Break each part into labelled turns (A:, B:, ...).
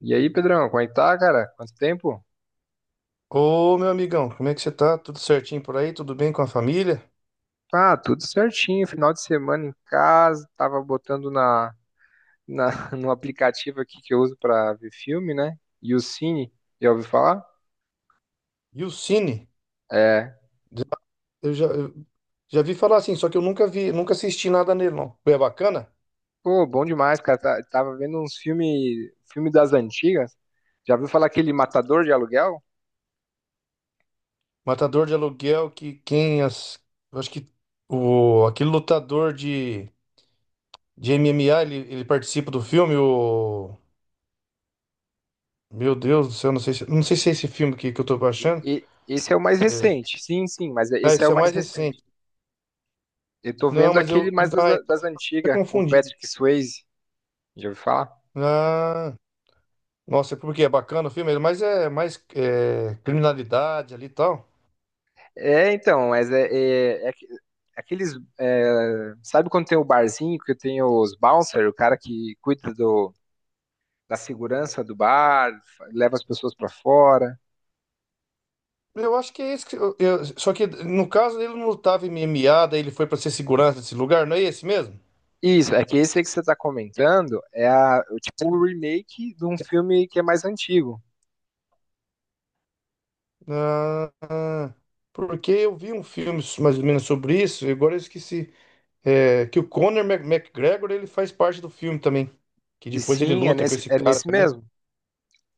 A: E aí, Pedrão, como é que tá, cara? Quanto tempo?
B: Ô, meu amigão, como é que você tá? Tudo certinho por aí? Tudo bem com a família?
A: Ah, tudo certinho, final de semana em casa, tava botando na no aplicativo aqui que eu uso pra ver filme, né? E o Cine, já ouviu falar?
B: E o Cine?
A: É.
B: Eu já vi falar assim, só que eu nunca vi, nunca assisti nada nele, não. É bacana?
A: Pô, bom demais, cara. Tava vendo uns filmes, filme das antigas. Já ouviu falar aquele Matador de Aluguel?
B: Matador de aluguel, que quem as... Eu acho que o, aquele lutador de MMA, ele participa do filme, o... Meu Deus do céu, não sei se, não sei se é esse filme que eu tô baixando.
A: Esse é o mais
B: É,
A: recente. Sim, sim, mas é,
B: ah,
A: esse é o
B: esse é
A: mais
B: mais
A: recente.
B: recente.
A: Eu tô
B: Não,
A: vendo
B: mas
A: aquele
B: eu...
A: mais das,
B: Ah, então,
A: das
B: eu tô
A: antigas, com
B: confundindo.
A: Patrick Swayze. Já ouviu falar?
B: Ah... Nossa, porque é bacana o filme, mas é mais é, criminalidade ali e tal.
A: É, então, mas é aqueles. É, sabe quando tem o barzinho que tem os bouncer, o cara que cuida do, da segurança do bar, leva as pessoas pra fora?
B: Eu acho que é isso que só que no caso ele não lutava em MMA, daí ele foi pra ser segurança desse lugar, não é esse mesmo?
A: Isso, é que esse aí que você tá comentando é a, o tipo o remake de um filme que é mais antigo.
B: Ah, ah, porque eu vi um filme mais ou menos sobre isso, e agora eu esqueci. É, que o Conor Mac- McGregor ele faz parte do filme também, que
A: E
B: depois ele
A: sim, é
B: luta com
A: nesse,
B: esse
A: é
B: cara
A: nesse
B: também.
A: mesmo.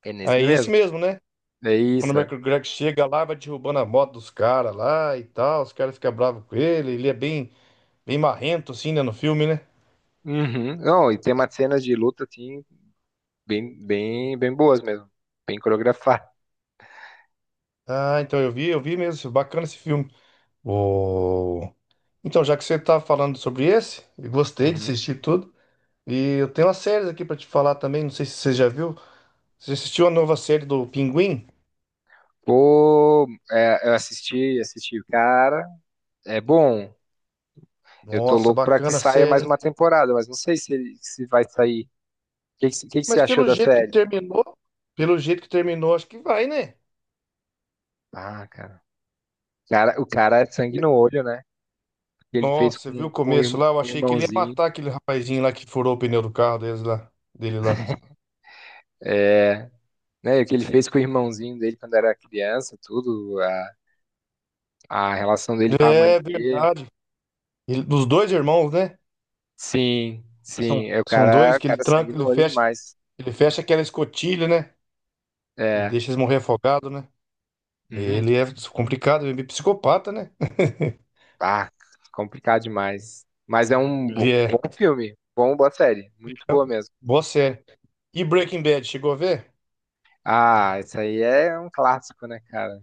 A: É nesse
B: Aí esse
A: mesmo.
B: mesmo, né?
A: É
B: Conor
A: isso, é.
B: McGregor chega lá, vai derrubando a moto dos caras lá e tal, os caras ficam bravos com ele, ele é bem bem marrento, assim, né, no filme, né?
A: Uhum. Não, e tem umas cenas de luta assim, bem boas mesmo. Bem coreografadas.
B: Ah, então eu vi mesmo. Bacana esse filme. O... Então, já que você tá falando sobre esse, eu gostei de assistir tudo. E eu tenho uma séries aqui pra te falar também, não sei se você já viu. Você assistiu a nova série do Pinguim?
A: Pô, é, eu assisti o cara. É bom. Eu tô
B: Nossa,
A: louco pra que
B: bacana a
A: saia
B: série,
A: mais
B: hein?
A: uma temporada, mas não sei se, se vai sair. O que você
B: Mas
A: achou
B: pelo
A: da
B: jeito que
A: série?
B: terminou, pelo jeito que terminou, acho que vai, né?
A: Ah, cara. Cara, o cara é sangue no olho, né? O que ele fez
B: Nossa, você viu o
A: com, com, o
B: começo
A: irm-
B: lá? Eu
A: com o
B: achei que ele ia
A: irmãozinho.
B: matar aquele rapazinho lá que furou o pneu do carro deles lá, dele lá.
A: É, né? O que ele fez com o irmãozinho dele quando era criança, tudo. A relação dele com a mãe
B: É
A: dele.
B: verdade. Ele- dos dois irmãos, né?
A: Sim,
B: São,
A: sim. É
B: são dois
A: o
B: que ele
A: cara é sangue
B: tranca,
A: no
B: ele
A: olho
B: fecha,
A: demais.
B: ele fecha aquela escotilha, né? E
A: É.
B: deixa eles morrer afogados, né?
A: Uhum.
B: Ele é complicado, ele é meio psicopata, né?
A: Ah, complicado demais. Mas é um
B: Ele
A: bom
B: é
A: filme, bom, boa série, muito boa mesmo.
B: boa série. E Breaking Bad, chegou a ver?
A: Ah, isso aí é um clássico, né, cara?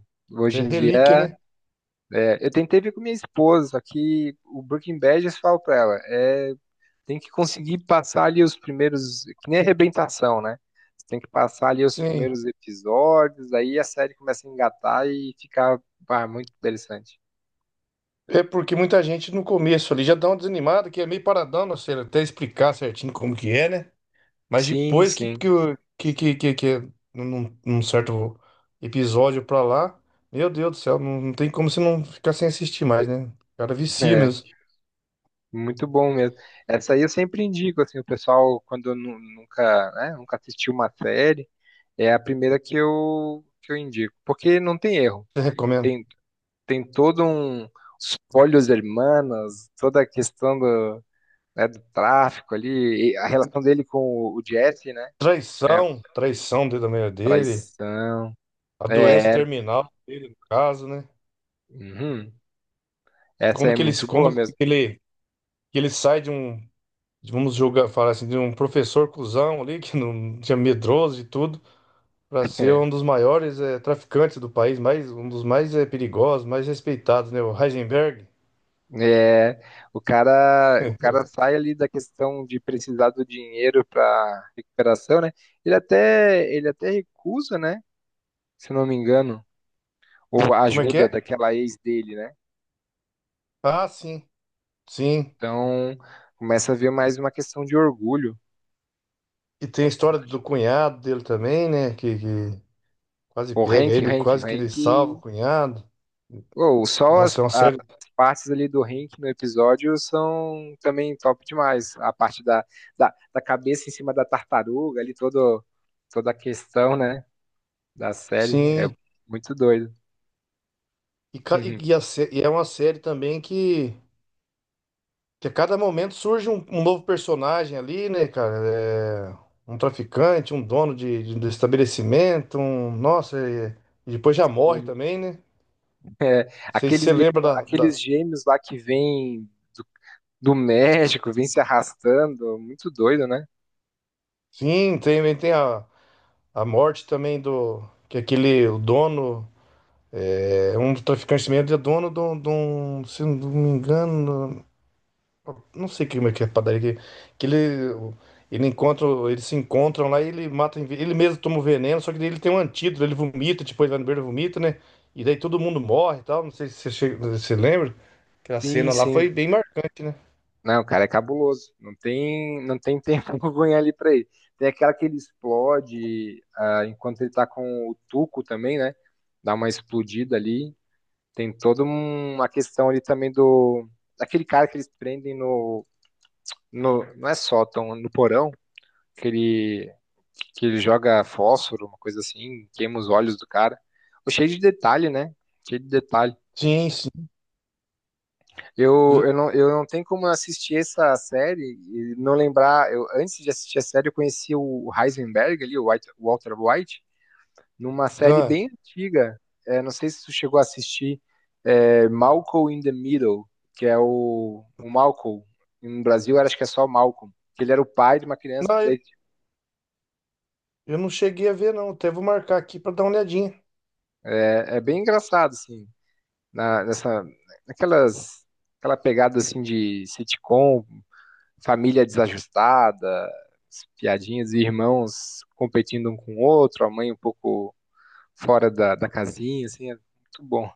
B: É
A: Hoje em
B: relíquia,
A: dia,
B: né?
A: é, eu tentei ver com minha esposa, só que o Breaking Bad, eu falo pra ela, é, tem que conseguir passar ali os primeiros, que nem arrebentação, né? Você tem que passar ali os
B: Sim.
A: primeiros episódios, aí a série começa a engatar e fica, ah, muito interessante.
B: É porque muita gente no começo ali já dá uma desanimada, que é meio paradão, não sei, até explicar certinho como que é, né? Mas
A: Sim,
B: depois
A: sim.
B: que, o- que, que é num certo episódio pra lá, meu Deus do céu, não, não tem como você não ficar sem assistir mais, né? O cara vicia
A: É.
B: mesmo.
A: Muito bom mesmo. Essa aí eu sempre indico, assim, o pessoal, quando nunca, né, nunca assistiu uma série, é a primeira que eu indico. Porque não tem erro.
B: Você recomenda?
A: Tem, tem todo um... Os Polhos Hermanos, toda a questão do, né, do tráfico ali, e a relação dele com o Jesse, né? É,
B: Traição, traição dentro da meio dele,
A: traição.
B: a doença
A: É,
B: terminal dele, no caso, né?
A: uhum. Essa
B: Como
A: é
B: que ele, se-
A: muito boa
B: como
A: mesmo.
B: que ele sai de um, de- vamos julgar, falar assim, de um professor cuzão ali, que não tinha medroso e tudo, para ser um dos maiores traficantes do país, mais, um dos mais perigosos, mais respeitados, né? O Heisenberg.
A: É, o cara sai ali da questão de precisar do dinheiro para recuperação, né? Ele até recusa, né? Se não me engano, ou a
B: Como é que é?
A: ajuda daquela ex dele, né?
B: Ah, sim, sim.
A: Então, começa a ver mais uma questão de orgulho.
B: E tem a história do cunhado dele também, né? Que quase
A: O
B: pega
A: Hank, o
B: ele,
A: Hank, o
B: quase que ele
A: Hank,
B: salva o cunhado.
A: ou só as,
B: Nossa, é uma
A: as
B: série.
A: partes ali do Hank no episódio são também top demais. A parte da cabeça em cima da tartaruga, ali todo, toda a questão, né? da série. É
B: Sim.
A: muito doido.
B: E, ca- e- e a sé- e é uma série também que a cada momento surge um, um novo personagem ali, né, cara? É, um traficante, um dono de- do estabelecimento, um. Nossa, e depois já morre
A: E,
B: também, né?
A: é,
B: Não sei se
A: aqueles,
B: você lembra da.
A: aqueles
B: Da-
A: gêmeos lá que vêm do, do México, vêm se arrastando, muito doido, né?
B: Sim, tem, tem a morte também do. Que aquele o dono. É, um dos traficantes mesmo é dono de um. De um- Se não me engano. Não sei como é que é a padaria que ele encontra, eles se encontram lá e ele mata, ele mesmo toma o veneno, só que daí ele tem um antídoto, ele vomita, tipo, ele vai no beiro e vomita, né? E daí todo mundo morre e tal, não sei se você, che- você lembra, que a
A: Sim,
B: cena lá foi
A: sim.
B: bem marcante, né?
A: Não, o cara é cabuloso. Não tem tempo ruim ali pra ele. Tem aquela que ele explode ah, enquanto ele tá com o Tuco também, né? Dá uma explodida ali. Tem uma questão ali também do. Daquele cara que eles prendem no. no não é sótão, no porão. que ele, que ele joga fósforo, uma coisa assim, queima os olhos do cara. Cheio de detalhe, né? Cheio de detalhe.
B: Sim, sim.
A: Não, eu não tenho como assistir essa série e não lembrar. Eu, antes de assistir a série, eu conheci o Heisenberg ali, o o Walter White, numa série
B: Ah,
A: bem antiga. É, não sei se tu chegou a assistir é, Malcolm in the Middle, que é o Malcolm. No Brasil, acho que é só Malcolm. Que ele era o pai de uma criança.
B: não, eu,
A: Daí,
B: eu não cheguei a ver, não, até vou marcar aqui pra dar uma olhadinha.
A: É, é bem engraçado, assim. na, nessa, naquelas, aquela pegada assim de sitcom, família desajustada, piadinhas de irmãos competindo um com o outro, a mãe um pouco fora da, da casinha, assim, é muito bom.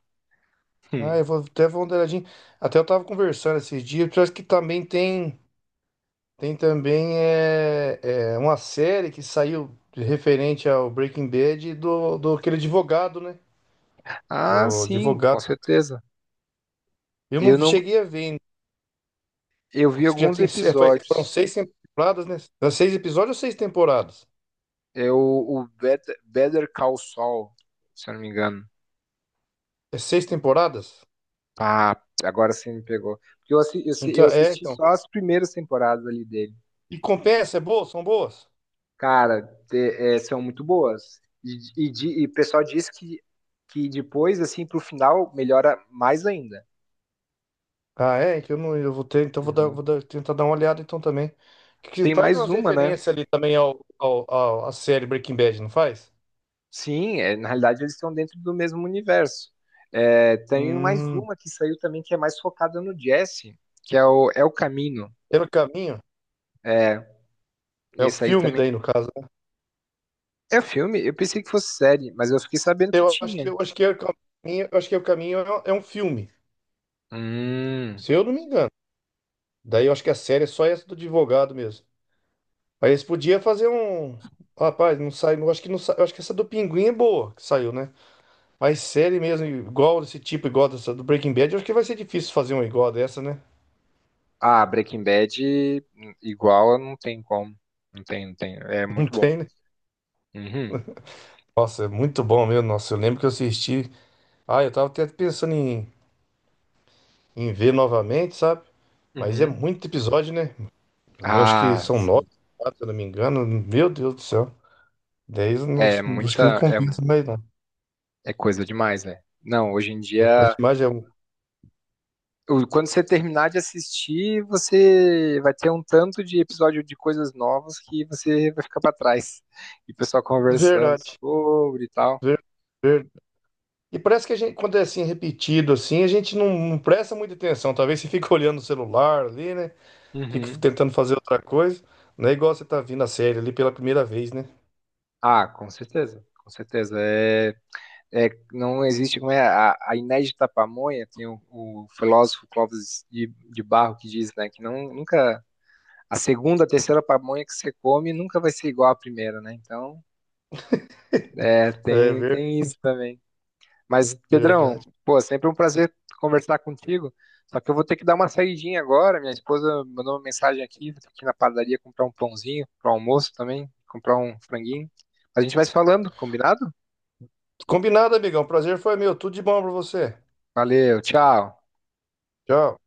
A: Hum.
B: Ah, eu vou dar uma olhadinha. Até eu tava conversando esses dias, parece que também tem. Tem também uma série que saiu referente ao Breaking Bad do, do aquele advogado, né?
A: Ah,
B: Do
A: sim, com
B: advogado.
A: certeza.
B: Eu não
A: Eu não,
B: cheguei a ver ainda.
A: eu vi
B: Diz que já
A: alguns
B: tem, se- foi- foram
A: episódios.
B: seis temporadas, né? Era seis episódios ou seis temporadas?
A: É o Better Call Saul, se eu não me engano.
B: É seis temporadas?
A: Ah, agora sim me pegou. Porque eu,
B: Então,
A: eu
B: é,
A: assisti
B: então.
A: só as primeiras temporadas ali dele.
B: E compensa, é boa? São boas?
A: Cara, é, são muito boas. E o pessoal diz que depois, assim, pro final, melhora mais ainda.
B: Ah, é? Que eu não, eu vou ter, então
A: Uhum.
B: vou dar- tentar dar uma olhada então também. Que
A: Tem
B: faz
A: mais
B: umas
A: uma, né?
B: referências ali também à série Breaking Bad, não faz?
A: Sim, é, na realidade eles estão dentro do mesmo universo. É, tem mais
B: Hum,
A: uma que saiu também que é mais focada no Jesse, que é o, é o Camino.
B: pelo caminho.
A: É,
B: É o
A: esse aí
B: filme
A: também.
B: daí, no caso. Né?
A: É um filme? Eu pensei que fosse série, mas eu fiquei sabendo que
B: Eu acho que
A: tinha.
B: eu acho que é o caminho, eu acho que é o caminho é um filme,
A: Hum.
B: se eu não me engano. Daí eu acho que a série é só essa do advogado mesmo. Aí eles podiam fazer um. Rapaz, não sai. Não acho que não sai. Eu acho que essa do Pinguim é boa que saiu, né? Mas série mesmo, igual desse tipo, igual dessa do Breaking Bad, eu acho que vai ser difícil fazer uma igual dessa, né?
A: Ah, Breaking Bad, igual, não tem como. Não tem, não tem. É
B: Não
A: muito bom.
B: tem, né?
A: Uhum,
B: Nossa, é muito bom mesmo. Nossa, eu lembro que eu assisti. Ah, eu tava até pensando em, em ver novamente, sabe? Mas é
A: uhum.
B: muito episódio, né? Eu acho que
A: Ah,
B: são
A: sim.
B: nove, se eu não me engano. Meu Deus do céu. Dez, eu não-
A: É
B: acho que não
A: muita.
B: compensa mais, não.
A: É, é coisa demais, velho. Não, hoje em
B: É coisa
A: dia.
B: demais, é um...
A: Quando você terminar de assistir, você vai ter um tanto de episódio de coisas novas que você vai ficar pra trás. E o pessoal conversando
B: Verdade.
A: sobre e tal.
B: Ver, ver- E parece que a gente, quando é assim, repetido, assim, a gente não, não presta muita atenção. Talvez você fique olhando o celular ali, né? Fica
A: Uhum.
B: tentando fazer outra coisa. Não é igual você tá vindo a série ali pela primeira vez, né?
A: Ah, com certeza. Com certeza. É, é, não existe. Como é, a inédita pamonha, tem o filósofo Clóvis de Barro que diz, né, que não, nunca. A segunda, a terceira pamonha que você come nunca vai ser igual à primeira, né? Então, é, tem, tem isso também. Mas, Pedrão,
B: Verdade.
A: pô, sempre um prazer conversar contigo. Só que eu vou ter que dar uma saidinha agora. Minha esposa mandou uma mensagem aqui, vou ter que ir na padaria comprar um pãozinho para o almoço também, comprar um franguinho. A gente vai se falando, combinado?
B: Combinado, amigão. Prazer foi meu. Tudo de bom pra você.
A: Valeu, tchau.
B: Tchau.